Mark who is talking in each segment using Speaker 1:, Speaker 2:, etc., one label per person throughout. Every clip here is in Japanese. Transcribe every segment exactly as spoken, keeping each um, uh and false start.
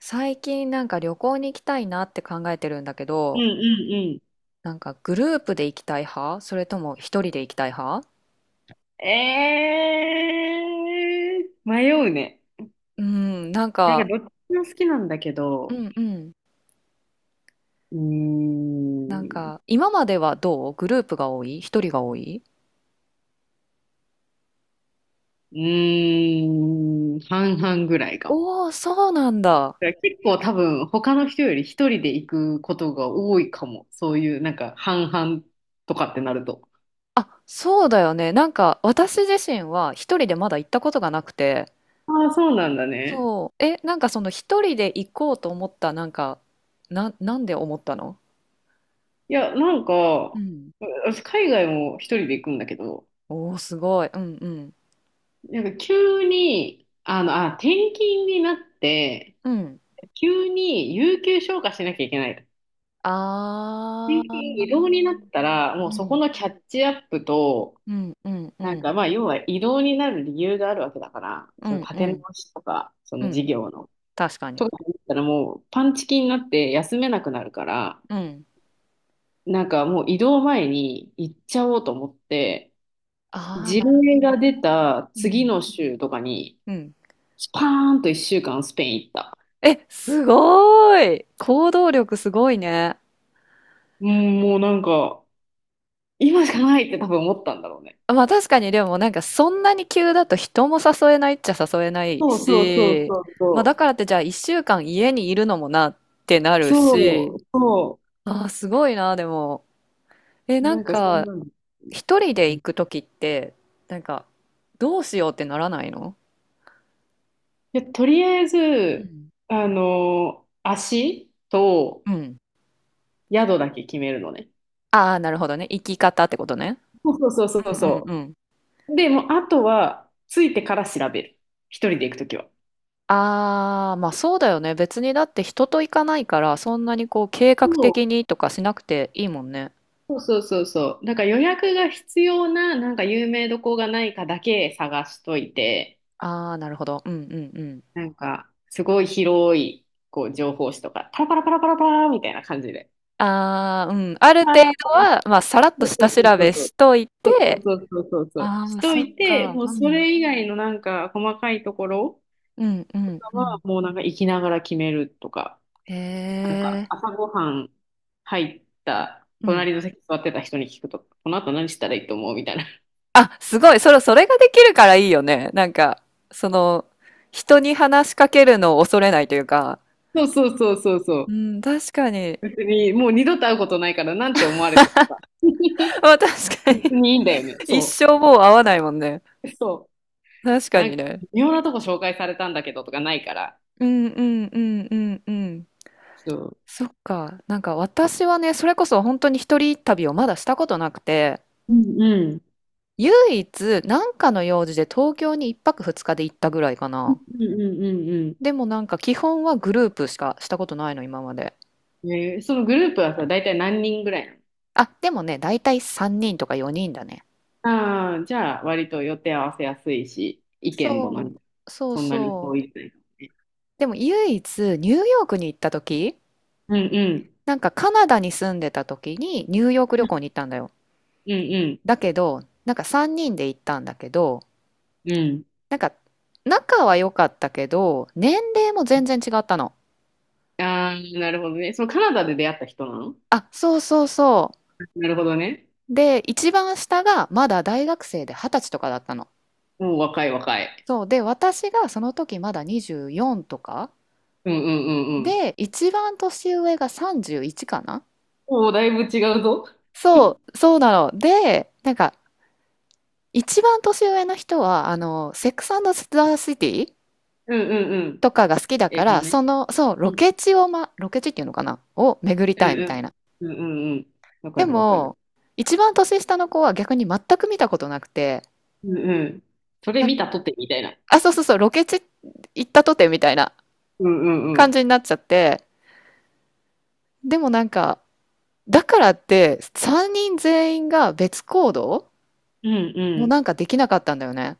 Speaker 1: 最近なんか旅行に行きたいなって考えてるんだけ
Speaker 2: うん
Speaker 1: ど、
Speaker 2: うんう
Speaker 1: なんかグループで行きたい派、それとも一人で行きたい派？
Speaker 2: ん。えー、迷うね。
Speaker 1: うん、なん
Speaker 2: なんか
Speaker 1: か、
Speaker 2: どっちも好きなんだけ
Speaker 1: う
Speaker 2: ど、
Speaker 1: んうん。
Speaker 2: うー
Speaker 1: なん
Speaker 2: ん、
Speaker 1: か、今まではどう？グループが多い？一人が多い？
Speaker 2: うーん、半々ぐらいかも。
Speaker 1: おおー、そうなんだ。
Speaker 2: だから結構多分他の人より一人で行くことが多いかも。そういうなんか半々とかってなると。
Speaker 1: あ、そうだよね。なんか、私自身は一人でまだ行ったことがなくて。
Speaker 2: ああ、そうなんだね。
Speaker 1: そう。え、なんかその一人で行こうと思った、なんか、な、なんで思ったの？
Speaker 2: いや、なんか、
Speaker 1: うん。
Speaker 2: 私海外も一人で行くんだけど、
Speaker 1: おお、すごい。うんうん。
Speaker 2: なんか急に、あの、あ、転勤になって、
Speaker 1: うん。
Speaker 2: 急に有給消化しなきゃいけない。
Speaker 1: あ
Speaker 2: 緊急
Speaker 1: あ、う
Speaker 2: 移動になっ
Speaker 1: ん、
Speaker 2: たら、もうそこ
Speaker 1: う
Speaker 2: のキャッチアップと、
Speaker 1: ん、うん、う
Speaker 2: なん
Speaker 1: ん、
Speaker 2: かまあ、要は移動になる理由があるわけだから、
Speaker 1: う
Speaker 2: その
Speaker 1: ん、
Speaker 2: 立
Speaker 1: う
Speaker 2: て直
Speaker 1: ん、
Speaker 2: しとか、そ
Speaker 1: う
Speaker 2: の事
Speaker 1: ん、
Speaker 2: 業の。
Speaker 1: 確かに。
Speaker 2: とかだったらもうパンチキになって休めなくなるから、
Speaker 1: うん。
Speaker 2: なんかもう移動前に行っちゃおうと思って、
Speaker 1: ああ、
Speaker 2: 事
Speaker 1: なるほど
Speaker 2: 例が出
Speaker 1: ね。
Speaker 2: た
Speaker 1: う
Speaker 2: 次
Speaker 1: ん、
Speaker 2: の週とかに、
Speaker 1: うん。
Speaker 2: スパーンといっしゅうかんスペイン行った。
Speaker 1: え、すごーい。行動力すごいね。
Speaker 2: うんもうなんか、今しかないって多分思ったんだろうね。
Speaker 1: まあ確かに。でもなんかそんなに急だと人も誘えないっちゃ誘えない
Speaker 2: そうそうそう
Speaker 1: し、
Speaker 2: そう
Speaker 1: まあ
Speaker 2: そ
Speaker 1: だか
Speaker 2: う。
Speaker 1: らってじゃあ一週間家にいるのもなってなる
Speaker 2: そ
Speaker 1: し、
Speaker 2: う、そ
Speaker 1: ああ、すごいな、でも。え、
Speaker 2: う、
Speaker 1: なん
Speaker 2: なんかそん
Speaker 1: か、
Speaker 2: なの。
Speaker 1: 一人で行く時って、なんか、どうしようってならないの？
Speaker 2: で、とりあえ
Speaker 1: う
Speaker 2: ず、
Speaker 1: ん。
Speaker 2: あの、足と
Speaker 1: うん。
Speaker 2: 宿だけ決めるのね。
Speaker 1: ああ、なるほどね。生き方ってことね。
Speaker 2: そうそうそうそ
Speaker 1: う
Speaker 2: う
Speaker 1: んうんう
Speaker 2: そ
Speaker 1: ん。
Speaker 2: う。で、もうあとは、ついてから調べる。一人で行くときは。
Speaker 1: ああ、まあそうだよね。別にだって人と行かないから、そんなにこう計画
Speaker 2: そ
Speaker 1: 的にとかしなくていいもんね。
Speaker 2: うそうそうそう。なんか予約が必要な、なんか有名どこがないかだけ探しといて、
Speaker 1: ああ、なるほど。うんうんうん。
Speaker 2: なんか、すごい広い、こう、情報誌とか、パラパラパラパラパラみたいな感じで。
Speaker 1: ああ、うん。ある程
Speaker 2: あ
Speaker 1: 度
Speaker 2: あ、
Speaker 1: は、まあさらっ
Speaker 2: そ
Speaker 1: と
Speaker 2: うそ
Speaker 1: 下調
Speaker 2: うそう
Speaker 1: べ
Speaker 2: そう。
Speaker 1: しとい
Speaker 2: そうそう
Speaker 1: て、
Speaker 2: そうそうそうそう。
Speaker 1: あ
Speaker 2: し
Speaker 1: あ、
Speaker 2: と
Speaker 1: そっ
Speaker 2: いて、
Speaker 1: か。
Speaker 2: もう
Speaker 1: う
Speaker 2: そ
Speaker 1: ん。
Speaker 2: れ以外のなんか細かいところ
Speaker 1: うんうん。う
Speaker 2: は
Speaker 1: ん。
Speaker 2: もうなんか行きながら決めるとか、
Speaker 1: へえ。
Speaker 2: 朝ごはん入った
Speaker 1: うん。
Speaker 2: 隣の席座ってた人に聞くとか、この後何したらいいと思うみたいな。
Speaker 1: あ、すごい。それ、それができるからいいよね。なんか、その、人に話しかけるのを恐れないというか、
Speaker 2: そうそうそうそうそ
Speaker 1: う
Speaker 2: う。
Speaker 1: ん、確かに。
Speaker 2: 別にもう二度と会うことないからなんて思われてるか。
Speaker 1: まあ、確か
Speaker 2: 別
Speaker 1: に。
Speaker 2: にいいんだよね。
Speaker 1: 一
Speaker 2: そ
Speaker 1: 生もう会わないもんね。
Speaker 2: う。そ
Speaker 1: 確
Speaker 2: う。
Speaker 1: か
Speaker 2: なん
Speaker 1: に
Speaker 2: か
Speaker 1: ね。
Speaker 2: 微妙なとこ紹介されたんだけどとかないから。
Speaker 1: うんうんうんうんうん。
Speaker 2: そう。
Speaker 1: そっか。なんか私はね、それこそ本当に一人旅をまだしたことなくて、
Speaker 2: うんうん。
Speaker 1: 唯一なんかの用事で東京にいっぱくふつかで行ったぐらいか
Speaker 2: うん
Speaker 1: な。
Speaker 2: うんうん
Speaker 1: でもなんか基本はグループしかしたことないの、今まで。
Speaker 2: うん。えーそのグループはさ、大体何人ぐらいなの？
Speaker 1: あ、でもね、だいたいさんにんとかよにんだね。
Speaker 2: ああ、じゃあ、割と予定合わせやすいし、意見も
Speaker 1: そ
Speaker 2: なに
Speaker 1: う。そう
Speaker 2: そんなに遠
Speaker 1: そう。
Speaker 2: いというかね。
Speaker 1: でも唯一ニューヨークに行った時、
Speaker 2: うんうん。
Speaker 1: なんかカナダに住んでた時にニューヨーク旅行に行ったんだよ。
Speaker 2: うん
Speaker 1: だけど、なんかさんにんで行ったんだけど、
Speaker 2: うんう
Speaker 1: なんか仲は良かったけど、年齢も全然違ったの。
Speaker 2: ん。ああ、なるほどね。そのカナダで出会った人なの？
Speaker 1: あ、そうそうそ
Speaker 2: なるほどね。
Speaker 1: う。で、一番下がまだ大学生ではたちとかだったの。
Speaker 2: もう若い若い。
Speaker 1: そう。で、私がその時まだにじゅうよんとか。
Speaker 2: うんうんうんうん。
Speaker 1: で、一番年上がさんじゅういちかな。
Speaker 2: もうだいぶ違うぞ。うん
Speaker 1: そう、そうなの。で、なんか、一番年上の人は、あの、セックスザ・シティ
Speaker 2: うんうん。
Speaker 1: とかが好きだ
Speaker 2: 英
Speaker 1: か
Speaker 2: 語の
Speaker 1: ら、
Speaker 2: ね。
Speaker 1: その、そう、
Speaker 2: う
Speaker 1: ロ
Speaker 2: ん
Speaker 1: ケ地を、ま、ロケ地っていうのかなを巡り
Speaker 2: う
Speaker 1: たい
Speaker 2: ん
Speaker 1: み
Speaker 2: う
Speaker 1: たい
Speaker 2: ん。
Speaker 1: な。
Speaker 2: うんうんうん。わか
Speaker 1: で
Speaker 2: るわかる。
Speaker 1: も、一番年下の子は逆に全く見たことなくて、
Speaker 2: うんうん。それ
Speaker 1: なんか
Speaker 2: 見たとてみたいな。
Speaker 1: あ、そうそうそう、ロケ地行ったとてみたいな
Speaker 2: うんうんう
Speaker 1: 感じ
Speaker 2: ん。
Speaker 1: になっちゃって、でもなんか、だからって、さんにん全員が別行動
Speaker 2: うんう
Speaker 1: も
Speaker 2: ん。
Speaker 1: なんかできなかったんだよね。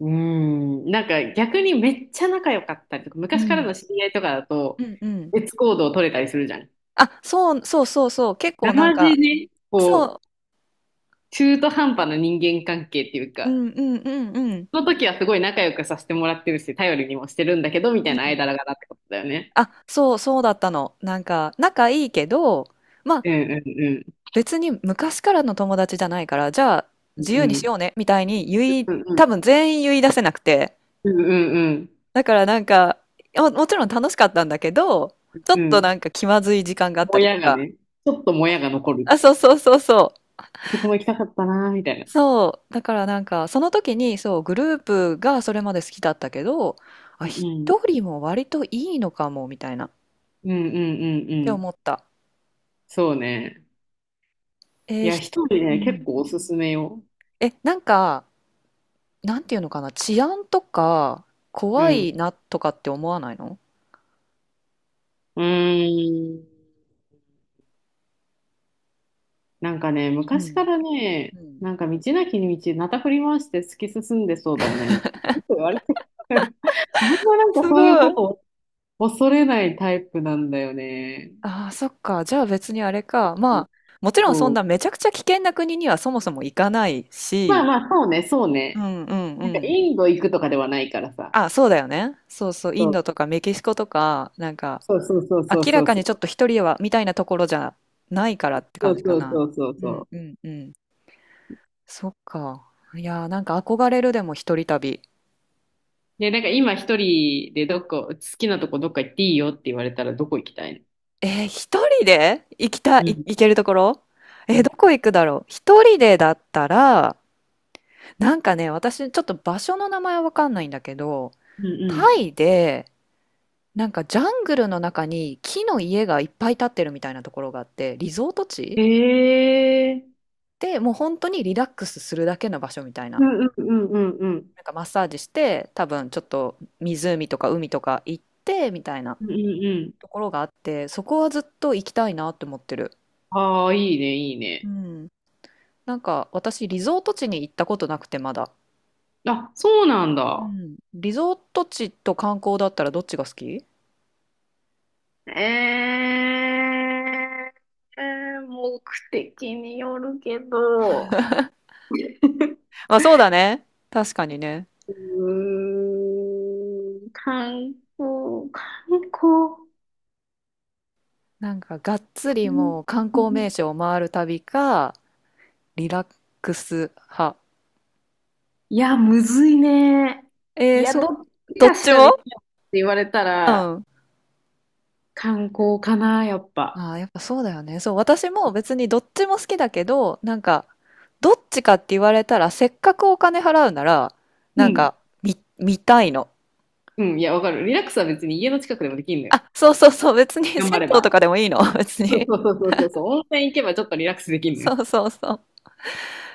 Speaker 2: うーん、なんか逆にめっちゃ仲良かったりとか、
Speaker 1: う
Speaker 2: 昔から
Speaker 1: ん。
Speaker 2: の知り合いとかだと、
Speaker 1: うんうん。
Speaker 2: 別行動取れたりするじゃん。
Speaker 1: あ、そう、そうそうそう、結
Speaker 2: な
Speaker 1: 構なん
Speaker 2: ま
Speaker 1: か、
Speaker 2: じね、こう、
Speaker 1: そ
Speaker 2: 中途半端な人間関係っていう
Speaker 1: う、う
Speaker 2: か、
Speaker 1: んうんうんうん。
Speaker 2: その時はすごい仲良くさせてもらってるし、頼りにもしてるんだけど、みた
Speaker 1: う
Speaker 2: いな
Speaker 1: ん。
Speaker 2: 間柄だってことだよね。
Speaker 1: あ、そうそうだったの。なんか、仲いいけど、まあ、
Speaker 2: うんうんうん。
Speaker 1: 別に昔からの友達じゃないから、じゃあ、
Speaker 2: う
Speaker 1: 自
Speaker 2: ん
Speaker 1: 由
Speaker 2: う
Speaker 1: にしよ
Speaker 2: ん。
Speaker 1: うね、みたいに言い、
Speaker 2: うんう
Speaker 1: 多分
Speaker 2: ん
Speaker 1: 全員言い出せなくて。
Speaker 2: うん。
Speaker 1: だからなんか、も、もちろん楽しかったんだけど、ちょ
Speaker 2: う
Speaker 1: っと
Speaker 2: ん。
Speaker 1: なんか気まずい時間があっ
Speaker 2: も
Speaker 1: たりと
Speaker 2: やが
Speaker 1: か。
Speaker 2: ね、ちょっともやが残る。
Speaker 1: あ、そうそうそうそう。
Speaker 2: あそこも行きたかったな、みたいな。
Speaker 1: そう。だからなんか、その時に、そう、グループがそれまで好きだったけど、あ、
Speaker 2: うん
Speaker 1: 一
Speaker 2: うん。
Speaker 1: 人も割といいのかも、みたいな、っ
Speaker 2: うんうんうんう
Speaker 1: て
Speaker 2: ん。
Speaker 1: 思った。
Speaker 2: そうね。い
Speaker 1: えー
Speaker 2: や、
Speaker 1: ひ、
Speaker 2: 一人
Speaker 1: う
Speaker 2: ね、結
Speaker 1: ん。
Speaker 2: 構おすすめよ。
Speaker 1: え、なんか、なんていうのかな、治安とか、
Speaker 2: う
Speaker 1: 怖
Speaker 2: ん。
Speaker 1: いなとかって思わないの？
Speaker 2: うーん。なんかね、
Speaker 1: う
Speaker 2: 昔か
Speaker 1: ん。
Speaker 2: らね、
Speaker 1: うん。
Speaker 2: なんか道なきに道、なた振り回して突き進んでそうだよね、みたいな。よく言われてる。あんまなんか
Speaker 1: すご
Speaker 2: そういうこ
Speaker 1: い。
Speaker 2: とを恐れないタイプなんだよね。
Speaker 1: ああ、そっか。じゃあ別にあれか。まあ、もちろんそ
Speaker 2: そ
Speaker 1: ん
Speaker 2: う。
Speaker 1: なめちゃくちゃ危険な国にはそもそも行かない
Speaker 2: まあ
Speaker 1: し、
Speaker 2: まあ、そうね、そう
Speaker 1: う
Speaker 2: ね。
Speaker 1: んうんう
Speaker 2: なんか
Speaker 1: ん。
Speaker 2: インド行くとかではないからさ。
Speaker 1: あ、そうだよね。そうそう。イ
Speaker 2: そ
Speaker 1: ン
Speaker 2: う。
Speaker 1: ドとかメキシコとか、なんか、
Speaker 2: そうそうそうそう
Speaker 1: 明
Speaker 2: そ
Speaker 1: ら
Speaker 2: う
Speaker 1: か
Speaker 2: そ
Speaker 1: にちょっ
Speaker 2: う。
Speaker 1: と一人はみたいなところじゃないからって
Speaker 2: そ
Speaker 1: 感
Speaker 2: う
Speaker 1: じか
Speaker 2: そう
Speaker 1: な。
Speaker 2: そうそう
Speaker 1: う
Speaker 2: そ
Speaker 1: ん
Speaker 2: う。
Speaker 1: うんうん。そっか。いやーなんか憧れるでも一人旅。
Speaker 2: で、なんか今一人でどこ、好きなとこどっか行っていいよって言われたらどこ行きたい
Speaker 1: えー、一人で行きたい、
Speaker 2: の？う
Speaker 1: い
Speaker 2: ん。
Speaker 1: 行けるところ？
Speaker 2: う
Speaker 1: えー、
Speaker 2: ん
Speaker 1: どこ行くだろう一人でだったら、なんかね、私ちょっと場所の名前はわかんないんだけど、
Speaker 2: うん
Speaker 1: タイで、なんかジャングルの中に木の家がいっぱい建ってるみたいなところがあって、リゾート
Speaker 2: へ
Speaker 1: 地
Speaker 2: え。
Speaker 1: で、もう本当にリラックスするだけの場所みたい
Speaker 2: う
Speaker 1: な。
Speaker 2: んうんうんうんうん。
Speaker 1: なんかマッサージして多分ちょっと湖とか海とか行ってみたいな
Speaker 2: うんうんうん。
Speaker 1: ところがあって、そこはずっと行きたいなって思ってる。
Speaker 2: ああ、いいね、いい
Speaker 1: う
Speaker 2: ね。
Speaker 1: ん。なんか私リゾート地に行ったことなくてまだ。
Speaker 2: あ、そうなん
Speaker 1: う
Speaker 2: だ。
Speaker 1: ん。リゾート地と観光だったらどっちが好き？
Speaker 2: えー、目的によるけど、
Speaker 1: あ、そうだね。確かにね。
Speaker 2: うーん、観光、観光。
Speaker 1: なんかがっつ
Speaker 2: う
Speaker 1: り
Speaker 2: ん
Speaker 1: もう観光名所を回る旅か、リラックス派。
Speaker 2: いや、むずいね。い
Speaker 1: えー、
Speaker 2: や、
Speaker 1: そ
Speaker 2: ど
Speaker 1: う、
Speaker 2: っち
Speaker 1: どっ
Speaker 2: かし
Speaker 1: ち
Speaker 2: かでき
Speaker 1: も？
Speaker 2: ないって言われた
Speaker 1: う
Speaker 2: ら、
Speaker 1: ん。
Speaker 2: 観光かな、やっぱ。
Speaker 1: ああ、やっぱそうだよね。そう、私も別にどっちも好きだけど、なんか、どっちかって言われたら、せっかくお金払うなら、
Speaker 2: う
Speaker 1: なん
Speaker 2: ん。
Speaker 1: か、見、見たいの。
Speaker 2: うん、いや、わかる。リラックスは別に家の近くでもできんのよ。
Speaker 1: あ、そうそうそう、別に
Speaker 2: 頑張
Speaker 1: 銭
Speaker 2: れ
Speaker 1: 湯と
Speaker 2: ば。
Speaker 1: かでもいいの、別
Speaker 2: そう
Speaker 1: に。
Speaker 2: そうそうそうそうそう。温泉行けばちょっとリラックスできんのよ。
Speaker 1: そうそうそう。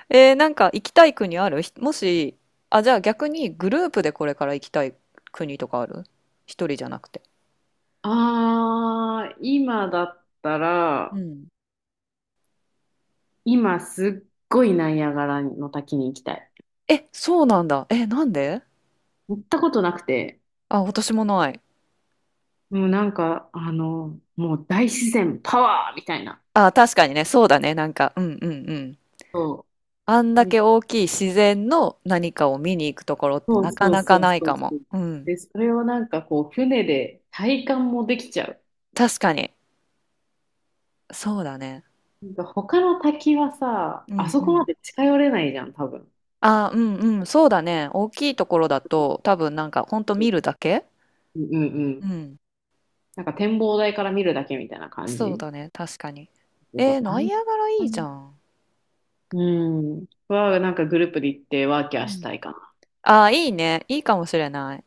Speaker 1: えー、なんか行きたい国あるひもし、あ、じゃあ逆にグループでこれから行きたい国とかある？一人じゃなくて。
Speaker 2: あー、今だった
Speaker 1: う
Speaker 2: ら、
Speaker 1: ん。
Speaker 2: 今すっごいナイアガラの滝に行きたい。
Speaker 1: え、そうなんだ。え、なんで？
Speaker 2: 行ったことなくて、
Speaker 1: あ、私もない。
Speaker 2: もうなんか、あの、もう大自然パワーみたいな。
Speaker 1: あ、確かにね、そうだね、なんか、うんうんうん。
Speaker 2: そ
Speaker 1: あん
Speaker 2: う。
Speaker 1: だ
Speaker 2: うん
Speaker 1: け大きい自然の何かを見に行くところって
Speaker 2: そう
Speaker 1: なか
Speaker 2: そう
Speaker 1: なか
Speaker 2: そう
Speaker 1: ない
Speaker 2: そう
Speaker 1: か
Speaker 2: そ
Speaker 1: も。
Speaker 2: う。
Speaker 1: うん。
Speaker 2: で、それをなんかこう、船で体感もできちゃう。
Speaker 1: 確かに。そうだね。
Speaker 2: なんか他の滝はさ、
Speaker 1: う
Speaker 2: あ
Speaker 1: ん
Speaker 2: そ
Speaker 1: う
Speaker 2: こま
Speaker 1: ん。
Speaker 2: で近寄れないじゃん、多分。
Speaker 1: あ、うんうん。そうだね。大きいところだと多分なんかほんと見るだけ。
Speaker 2: うんうんう
Speaker 1: う
Speaker 2: ん。
Speaker 1: ん。
Speaker 2: なんか展望台から見るだけみたいな感
Speaker 1: そう
Speaker 2: じ。
Speaker 1: だね。確かに。
Speaker 2: えっ
Speaker 1: え
Speaker 2: と、
Speaker 1: ー、
Speaker 2: あ
Speaker 1: ナ
Speaker 2: ん
Speaker 1: イアガラい
Speaker 2: ま、
Speaker 1: いじゃん。
Speaker 2: うん。は、なんかグループで行ってワーキャ
Speaker 1: う
Speaker 2: ーし
Speaker 1: ん。
Speaker 2: たいかな。
Speaker 1: ああ、いいね。いいかもしれない。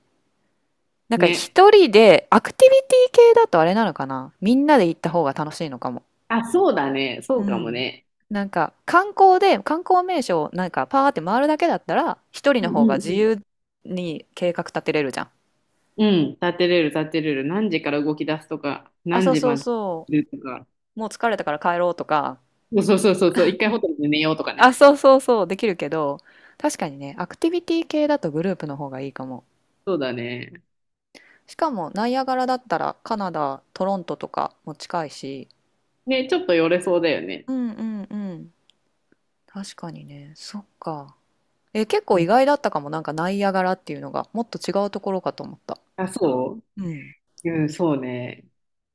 Speaker 1: なんか
Speaker 2: ね。
Speaker 1: 一人で、アクティビティ系だとあれなのかな、みんなで行った方が楽しいのかも。
Speaker 2: あ、そうだね。そ
Speaker 1: う
Speaker 2: うかも
Speaker 1: ん。
Speaker 2: ね。
Speaker 1: なんか観光で観光名所をなんかパーって回るだけだったら一人
Speaker 2: うん
Speaker 1: の方
Speaker 2: う
Speaker 1: が
Speaker 2: ん
Speaker 1: 自
Speaker 2: うん。
Speaker 1: 由に計画立てれるじゃん。
Speaker 2: うん、立てれる、立てれる。何時から動き出すとか、
Speaker 1: あ、
Speaker 2: 何
Speaker 1: そう
Speaker 2: 時
Speaker 1: そ
Speaker 2: ま
Speaker 1: う
Speaker 2: で
Speaker 1: そ
Speaker 2: いるとか。
Speaker 1: う。もう疲れたから帰ろうとか。
Speaker 2: そうそうそうそう、一回ホ テルで寝ようとかね。
Speaker 1: あ、そうそうそう。できるけど、確かにね、アクティビティ系だとグループの方がいいかも。
Speaker 2: そうだね。
Speaker 1: しかもナイアガラだったらカナダ、トロントとかも近いし。
Speaker 2: ね、ちょっと寄れそうだよね。
Speaker 1: うんうんうん。確かにね。そっか。え、結構
Speaker 2: う
Speaker 1: 意
Speaker 2: ん
Speaker 1: 外だったかも。なんかナイアガラっていうのがもっと違うところかと思った。
Speaker 2: あ、そ
Speaker 1: うん。
Speaker 2: ううん、そうね。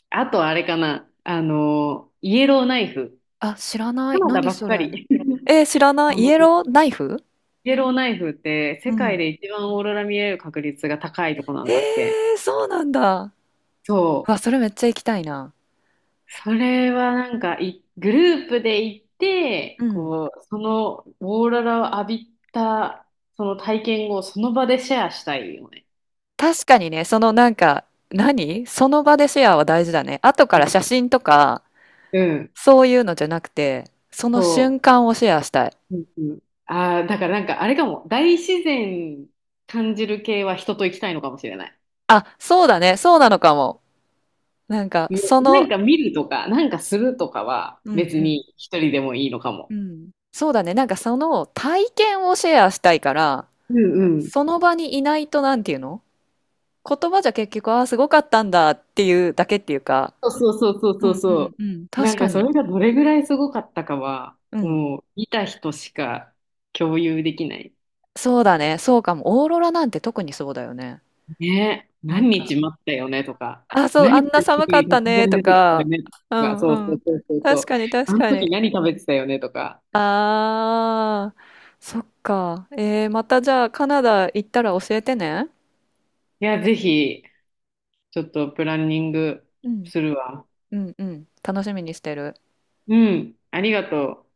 Speaker 2: あとあれかな。あの、イエローナイフ。
Speaker 1: あ、知らな
Speaker 2: カ
Speaker 1: い。
Speaker 2: ナダ
Speaker 1: 何
Speaker 2: ばっ
Speaker 1: そ
Speaker 2: か
Speaker 1: れ。
Speaker 2: り。
Speaker 1: えー知らない。
Speaker 2: あ
Speaker 1: イ
Speaker 2: の
Speaker 1: エローナイフ？
Speaker 2: イエローナイフって世
Speaker 1: う
Speaker 2: 界
Speaker 1: ん。
Speaker 2: で一番オーロラ見れる確率が高いとこな
Speaker 1: え
Speaker 2: んだって。
Speaker 1: ー、そうなんだ。
Speaker 2: そ
Speaker 1: う
Speaker 2: う。
Speaker 1: わ、それめっちゃ行きたいな。
Speaker 2: それはなんかい、グループで行っ
Speaker 1: う
Speaker 2: て、
Speaker 1: ん。
Speaker 2: こう、そのオーロラを浴びた、その体験をその場でシェアしたいよね。
Speaker 1: 確かにね、そのなんか、何その場でシェアは大事だね。後か
Speaker 2: う
Speaker 1: ら
Speaker 2: ん。
Speaker 1: 写真とか、
Speaker 2: うん
Speaker 1: そういうのじゃなくて、その
Speaker 2: そ
Speaker 1: 瞬間をシェアしたい。
Speaker 2: う。うんうん。ああ、だからなんかあれかも。大自然感じる系は人と行きたいのかもしれない。
Speaker 1: あ、そうだね。そうなのかも。なんか、
Speaker 2: ね
Speaker 1: そ
Speaker 2: な
Speaker 1: の、
Speaker 2: んか見るとか、なんかするとかは
Speaker 1: うん
Speaker 2: 別
Speaker 1: うん。
Speaker 2: に一人でもいいのかも。
Speaker 1: うん。そうだね。なんかその体験をシェアしたいから、
Speaker 2: うんうん。
Speaker 1: その場にいないとなんていうの？言葉じゃ結局、ああ、すごかったんだっていうだけっていうか、
Speaker 2: そうそうそう
Speaker 1: う
Speaker 2: そう
Speaker 1: んうん
Speaker 2: そ
Speaker 1: うん。
Speaker 2: う。
Speaker 1: 確
Speaker 2: なん
Speaker 1: か
Speaker 2: かそ
Speaker 1: に。
Speaker 2: れがどれぐらいすごかったかは、
Speaker 1: うん。
Speaker 2: もう見た人しか共有できない。
Speaker 1: そうだね。そうかも。オーロラなんて特にそうだよね。
Speaker 2: ね、
Speaker 1: なん
Speaker 2: 何
Speaker 1: か、
Speaker 2: 日待ったよねとか、
Speaker 1: あ、そう、
Speaker 2: 何
Speaker 1: あ
Speaker 2: し
Speaker 1: んな
Speaker 2: てる
Speaker 1: 寒
Speaker 2: 時
Speaker 1: か
Speaker 2: に
Speaker 1: った
Speaker 2: 突
Speaker 1: ね
Speaker 2: 然
Speaker 1: と
Speaker 2: 出てきたよ
Speaker 1: か、
Speaker 2: ね
Speaker 1: う
Speaker 2: とか、そう
Speaker 1: ん
Speaker 2: そ
Speaker 1: う
Speaker 2: う
Speaker 1: ん。
Speaker 2: そうそうそ
Speaker 1: 確
Speaker 2: う。
Speaker 1: かに
Speaker 2: あ
Speaker 1: 確
Speaker 2: の
Speaker 1: か
Speaker 2: 時
Speaker 1: に。
Speaker 2: 何食べてたよねとか。
Speaker 1: ああ、そっか。えー、またじゃあカナダ行ったら教えてね。
Speaker 2: いや、ぜひ、ちょっとプランニング
Speaker 1: うん。
Speaker 2: するわ。
Speaker 1: うんうん。楽しみにしてる。
Speaker 2: うん、ありがとう。